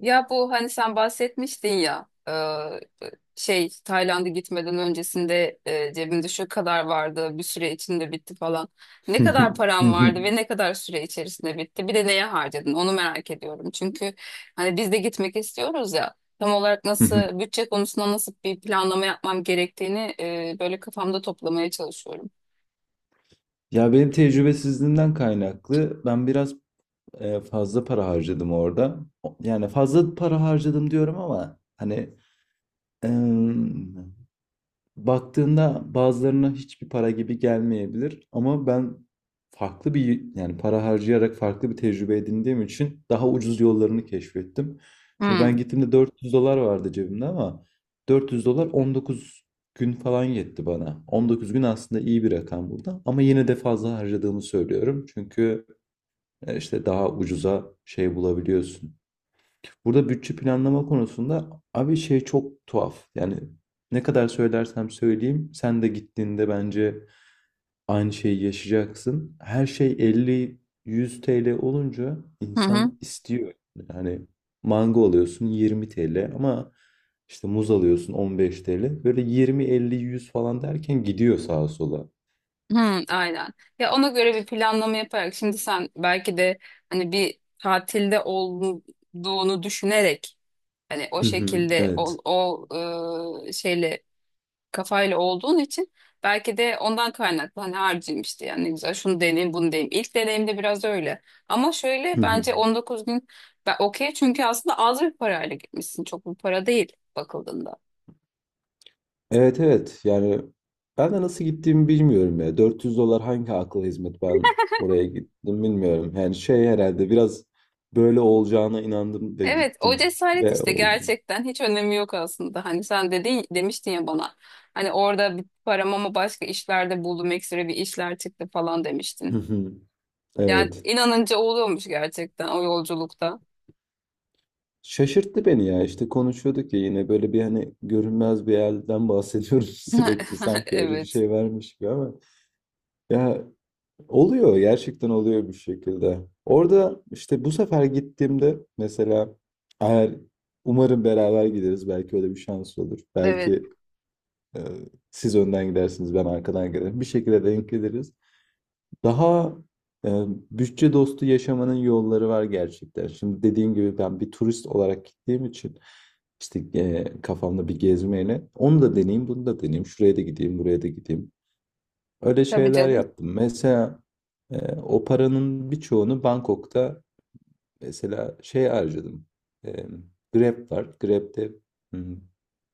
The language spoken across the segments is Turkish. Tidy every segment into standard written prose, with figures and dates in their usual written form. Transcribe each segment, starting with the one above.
Ya bu hani sen bahsetmiştin ya, şey Tayland'a gitmeden öncesinde, cebimde şu kadar vardı bir süre içinde bitti falan. Ne Hı hı. kadar Hı param hı. vardı ve ne kadar süre içerisinde bitti? Bir de neye harcadın? Onu merak ediyorum. Çünkü hani biz de gitmek istiyoruz ya, tam olarak Hı hı. nasıl, bütçe konusunda nasıl bir planlama yapmam gerektiğini böyle kafamda toplamaya çalışıyorum. Ya benim tecrübesizliğimden kaynaklı ben biraz fazla para harcadım orada. Yani fazla para harcadım diyorum ama hani baktığında bazılarına hiçbir para gibi gelmeyebilir ama ben farklı bir yani para harcayarak farklı bir tecrübe edindiğim için daha ucuz yollarını keşfettim. Şimdi ben Hmm. gittiğimde 400 dolar vardı cebimde ama 400 dolar 19 gün falan yetti bana. 19 gün aslında iyi bir rakam burada ama yine de fazla harcadığımı söylüyorum. Çünkü işte daha ucuza şey bulabiliyorsun. Burada bütçe planlama konusunda abi şey çok tuhaf. Yani ne kadar söylersem söyleyeyim sen de gittiğinde bence aynı şeyi yaşayacaksın. Her şey 50-100 TL olunca Hı hı. insan istiyor. Yani mango alıyorsun 20 TL ama işte muz alıyorsun 15 TL. Böyle 20-50-100 falan derken gidiyor sağa sola. Hı, aynen. Ya ona göre bir planlama yaparak, şimdi sen belki de hani bir tatilde olduğunu düşünerek, hani o Hı hı, şekilde o, evet. o şeyle kafayla olduğun için belki de ondan kaynaklı hani harcayayım işte, yani ne güzel, şunu deneyim bunu deneyim. İlk deneyimde biraz öyle. Ama şöyle, bence 19 gün ben okey, çünkü aslında az bir parayla gitmişsin. Çok bir para değil bakıldığında. Evet, evet, yani ben de nasıl gittiğimi bilmiyorum ya. 400 dolar hangi akla hizmet ben oraya gittim bilmiyorum. Yani şey herhalde biraz böyle olacağına inandım ve Evet, o gittim cesaret ve işte, oldu. gerçekten hiç önemi yok aslında. Hani sen dedin, demiştin ya bana. Hani orada bir param, ama başka işlerde buldum, ekstra bir işler çıktı falan demiştin. Yani Evet. inanınca oluyormuş gerçekten o yolculukta. Şaşırttı beni ya, işte konuşuyorduk ya yine böyle bir hani görünmez bir yerden bahsediyoruz sürekli sanki öyle bir Evet. şey varmış gibi ama ya oluyor, gerçekten oluyor bir şekilde. Orada işte bu sefer gittiğimde mesela eğer umarım beraber gideriz, belki öyle bir şans olur. Evet. Belki e, siz önden gidersiniz, ben arkadan giderim. Bir şekilde denk geliriz. Daha e, bütçe dostu yaşamanın yolları var gerçekten. Şimdi dediğim gibi ben bir turist olarak gittiğim için işte kafamda bir gezmeyle onu da deneyeyim, bunu da deneyeyim. Şuraya da gideyim, buraya da gideyim. Öyle Tabii şeyler canım. yaptım. Mesela o paranın birçoğunu Bangkok'ta mesela şey harcadım. E, Grab var. Grab'de hmm,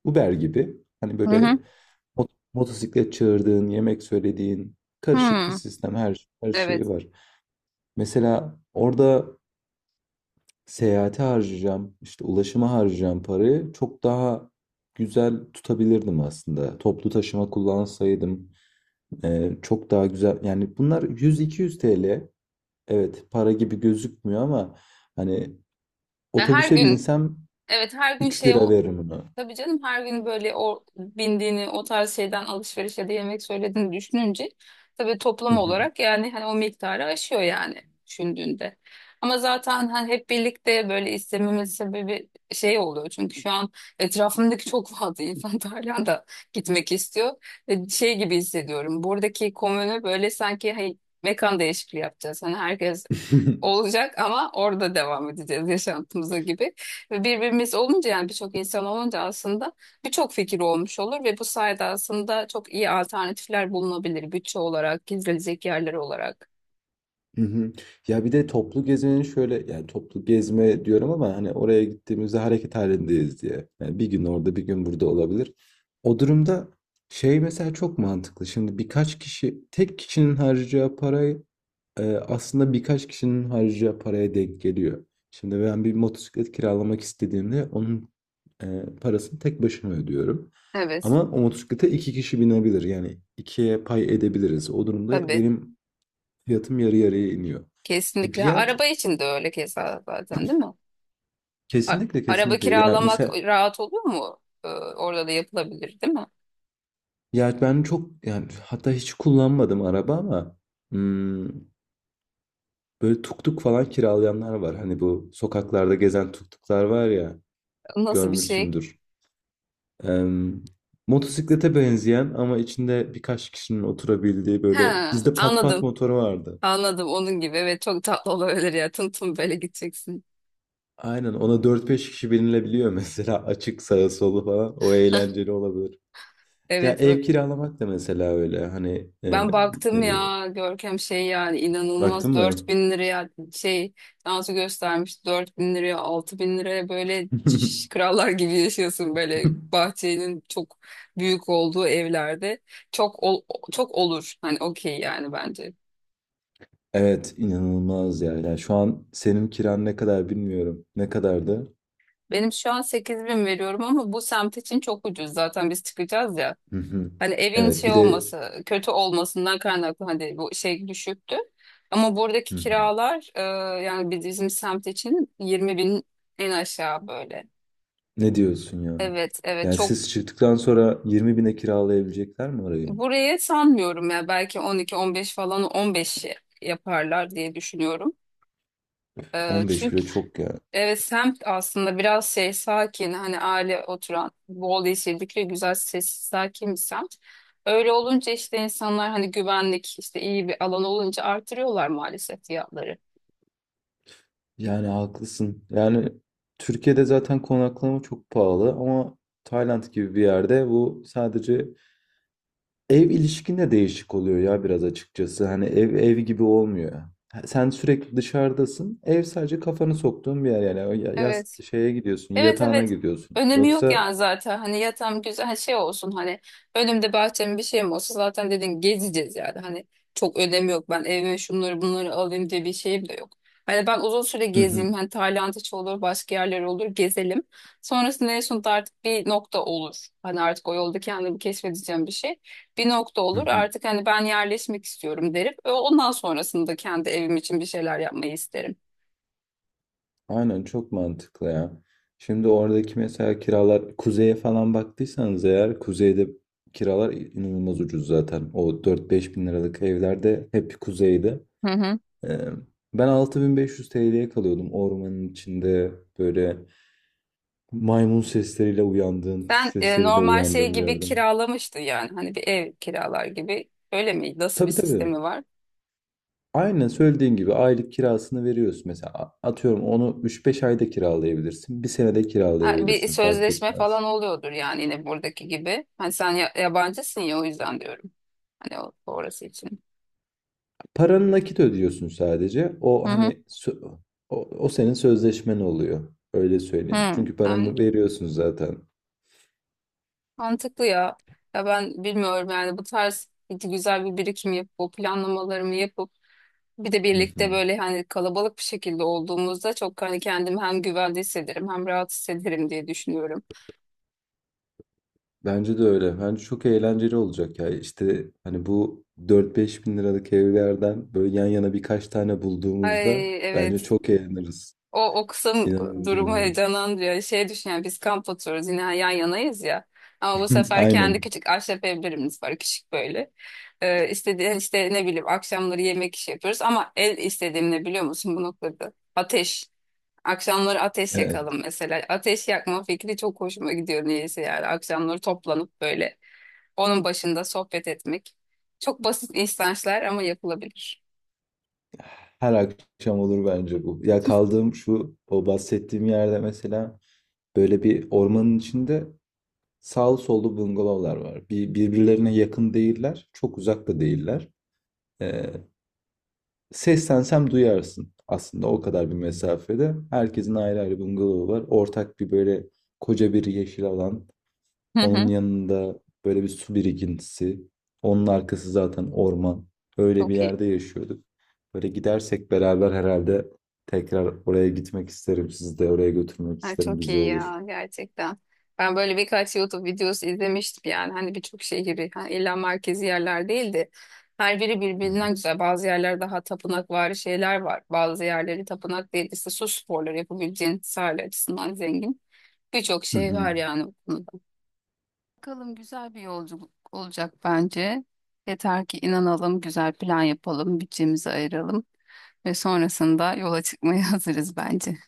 Uber gibi. Hani Hı böyle hı. Motosiklet çağırdığın, yemek söylediğin karışık bir Hı. sistem. Her şeyi Evet. var. Mesela orada seyahate harcayacağım, işte ulaşıma harcayacağım parayı çok daha güzel tutabilirdim aslında. Toplu taşıma kullansaydım çok daha güzel, yani bunlar 100-200 TL, evet, para gibi gözükmüyor ama hani Ya her otobüse gün, binsem evet her gün 3 şey lira o. veririm ona. Tabii canım, her gün böyle o bindiğini, o tarz şeyden alışveriş ya da yemek söylediğini düşününce tabii Hı toplam hı. olarak yani hani o miktarı aşıyor yani düşündüğünde. Ama zaten hani hep birlikte böyle istememin sebebi şey oluyor. Çünkü şu an etrafımdaki çok fazla insan Tayland'a gitmek istiyor. Ve şey gibi hissediyorum. Buradaki komünü böyle sanki, hey, mekan değişikliği yapacağız. Hani herkes olacak ama orada devam edeceğiz yaşantımıza gibi. Ve birbirimiz olunca, yani birçok insan olunca aslında birçok fikir olmuş olur ve bu sayede aslında çok iyi alternatifler bulunabilir, bütçe olarak, gezilecek yerler olarak. Hı hı. Ya bir de toplu gezmenin şöyle, yani toplu gezme diyorum ama hani oraya gittiğimizde hareket halindeyiz diye. Yani bir gün orada bir gün burada olabilir. O durumda şey mesela çok mantıklı. Şimdi birkaç kişi tek kişinin harcayacağı parayı aslında birkaç kişinin harcayacağı paraya denk geliyor. Şimdi ben bir motosiklet kiralamak istediğimde onun parasını tek başıma ödüyorum. Evet, Ama o motosiklete iki kişi binebilir. Yani ikiye pay edebiliriz. O durumda tabii. benim fiyatım yarı yarıya iniyor. Bir Kesinlikle. Ha, yer araba için de öyle keza, zaten değil mi? A- kesinlikle, Araba kesinlikle. Yani kiralamak mesela rahat olur mu? Orada da yapılabilir değil mi? ya ben çok yani hatta hiç kullanmadım araba ama hmm, böyle tuk tuk falan kiralayanlar var. Hani bu sokaklarda gezen tuk tuklar var ya, Nasıl bir şey? görmüşsündür. Em, motosiklete benzeyen ama içinde birkaç kişinin oturabildiği, böyle Ha, bizde pat pat anladım. motoru vardı. Anladım, onun gibi. Evet, çok tatlı olabilir ya. Tım tım böyle gideceksin. Aynen, ona dört beş kişi binilebiliyor mesela, açık sağı solu falan, o eğlenceli olabilir. Ya Evet bak. ev kiralamak da mesela öyle hani Ben baktım e, ya Görkem, şey yani baktın inanılmaz, dört mı? bin liraya şey dansı göstermiş, 4.000 liraya, 6.000 liraya, böyle şş, krallar gibi yaşıyorsun, böyle bahçenin çok büyük olduğu evlerde çok ol- çok olur, hani okey yani bence. Evet, inanılmaz ya. Yani şu an senin kiran ne kadar bilmiyorum. Ne kadardı? Benim şu an 8.000 veriyorum ama bu semt için çok ucuz, zaten biz çıkacağız ya. Hı hı. Hani evin Evet, şey bir de. olması, kötü olmasından kaynaklı hani bu şey düşüktü. Ama buradaki Hı hı. kiralar, yani bizim semt için 20 bin en aşağı böyle. Ne diyorsun ya? Evet, evet Yani çok. siz çıktıktan sonra 20 bine kiralayabilecekler mi orayı? Buraya sanmıyorum ya, belki 12-15 falan, 15 yaparlar diye düşünüyorum. E, 15 bile çok ya. Evet, semt aslında biraz şey, sakin, hani aile oturan, bol yeşillikle güzel, sessiz sakin bir semt. Öyle olunca işte insanlar hani, güvenlik işte, iyi bir alan olunca artırıyorlar maalesef fiyatları. Yani haklısın. Yani Türkiye'de zaten konaklama çok pahalı ama Tayland gibi bir yerde bu sadece ev ilişkinde değişik oluyor ya biraz, açıkçası. Hani ev ev gibi olmuyor. Ha, sen sürekli dışarıdasın. Ev sadece kafanı soktuğun bir yer yani. O Yas Evet. şeye gidiyorsun, Evet yatağına evet. gidiyorsun. Önemi yok Yoksa yani zaten. Hani yatağım güzel, hani şey olsun, hani önümde bahçem, bir şeyim olsa zaten, dedin gezeceğiz yani. Hani çok önemi yok. Ben evime şunları bunları alayım diye bir şeyim de yok. Hani ben uzun süre gezeyim. Hani Tayland hiç olur, başka yerler olur, gezelim. Sonrasında en sonunda artık bir nokta olur. Hani artık o yolda kendimi keşfedeceğim bir şey. Bir nokta olur. Artık hani ben yerleşmek istiyorum derim. Ve ondan sonrasında kendi evim için bir şeyler yapmayı isterim. aynen, çok mantıklı ya. Şimdi oradaki mesela kiralar, kuzeye falan baktıysanız eğer, kuzeyde kiralar inanılmaz ucuz zaten. O dört beş bin liralık evlerde hep kuzeyde. Hı hı. Ee, ben 6500 TL'ye kalıyordum ormanın içinde böyle maymun sesleriyle uyandığım, kuş Sen sesleriyle normal şey uyandığım bir gibi yerde. kiralamıştın yani, hani bir ev kiralar gibi, öyle mi? Nasıl bir Tabii, tabii. sistemi var? Aynen söylediğin gibi aylık kirasını veriyorsun. Mesela atıyorum onu üç beş ayda kiralayabilirsin. Bir senede Ha, bir kiralayabilirsin, fark sözleşme etmez. falan oluyordur yani, yine buradaki gibi. Hani sen yabancısın ya, o yüzden diyorum. Hani o, orası için. Paranı nakit ödüyorsun sadece. Hı O hı. hani o senin sözleşmen oluyor. Öyle Hı. söyleyeyim. Çünkü Yani paranı veriyorsun zaten. mantıklı ya. Ya ben bilmiyorum yani, bu tarz güzel bir birikim yapıp, o planlamalarımı yapıp, bir de Hı birlikte hı. böyle hani kalabalık bir şekilde olduğumuzda çok hani kendimi hem güvende hissederim, hem rahat hissederim diye düşünüyorum. Bence de öyle. Bence çok eğlenceli olacak ya. İşte hani bu dört beş bin liralık evlerden böyle yan yana birkaç tane bulduğumuzda Ay bence evet. çok eğleniriz. O kısım İnanılmaz durumu eğleniriz. heyecanlandırıyor. Şey düşün, yani biz kamp oturuyoruz, yine yan yanayız ya. Ama bu sefer kendi Aynen. küçük ahşap evlerimiz var, küçük böyle. İstediğin işte, ne bileyim, akşamları yemek işi yapıyoruz. Ama el istediğim ne biliyor musun bu noktada? Ateş. Akşamları ateş Evet. yakalım mesela. Ateş yakma fikri çok hoşuma gidiyor niyeyse yani. Akşamları toplanıp böyle onun başında sohbet etmek. Çok basit instançlar ama yapılabilir. Her akşam olur bence bu. Ya kaldığım şu o bahsettiğim yerde mesela böyle bir ormanın içinde sağlı sollu bungalovlar var. Birbirlerine yakın değiller, çok uzak da değiller. Ee, seslensem duyarsın aslında o kadar bir mesafede. Herkesin ayrı ayrı bungalovu var. Ortak bir böyle koca bir yeşil alan. Hı Onun hı. yanında böyle bir su birikintisi. Onun arkası zaten orman. Öyle bir Çok iyi. yerde yaşıyorduk. Böyle gidersek beraber herhalde tekrar oraya gitmek isterim. Sizi de oraya götürmek Ha, isterim. çok Güzel iyi olur. ya gerçekten. Ben böyle birkaç YouTube videosu izlemiştim yani, hani birçok şehri, hani illa merkezi yerler değildi. Her biri Hı birbirinden hı. güzel. Bazı yerler daha tapınakvari şeyler var. Bazı yerleri tapınak değil, işte su sporları yapabileceğin, sahil açısından zengin. Birçok Hı şey hı. var yani bu konuda. Bakalım, güzel bir yolculuk olacak bence. Yeter ki inanalım, güzel plan yapalım, bütçemizi ayıralım ve sonrasında yola çıkmaya hazırız bence.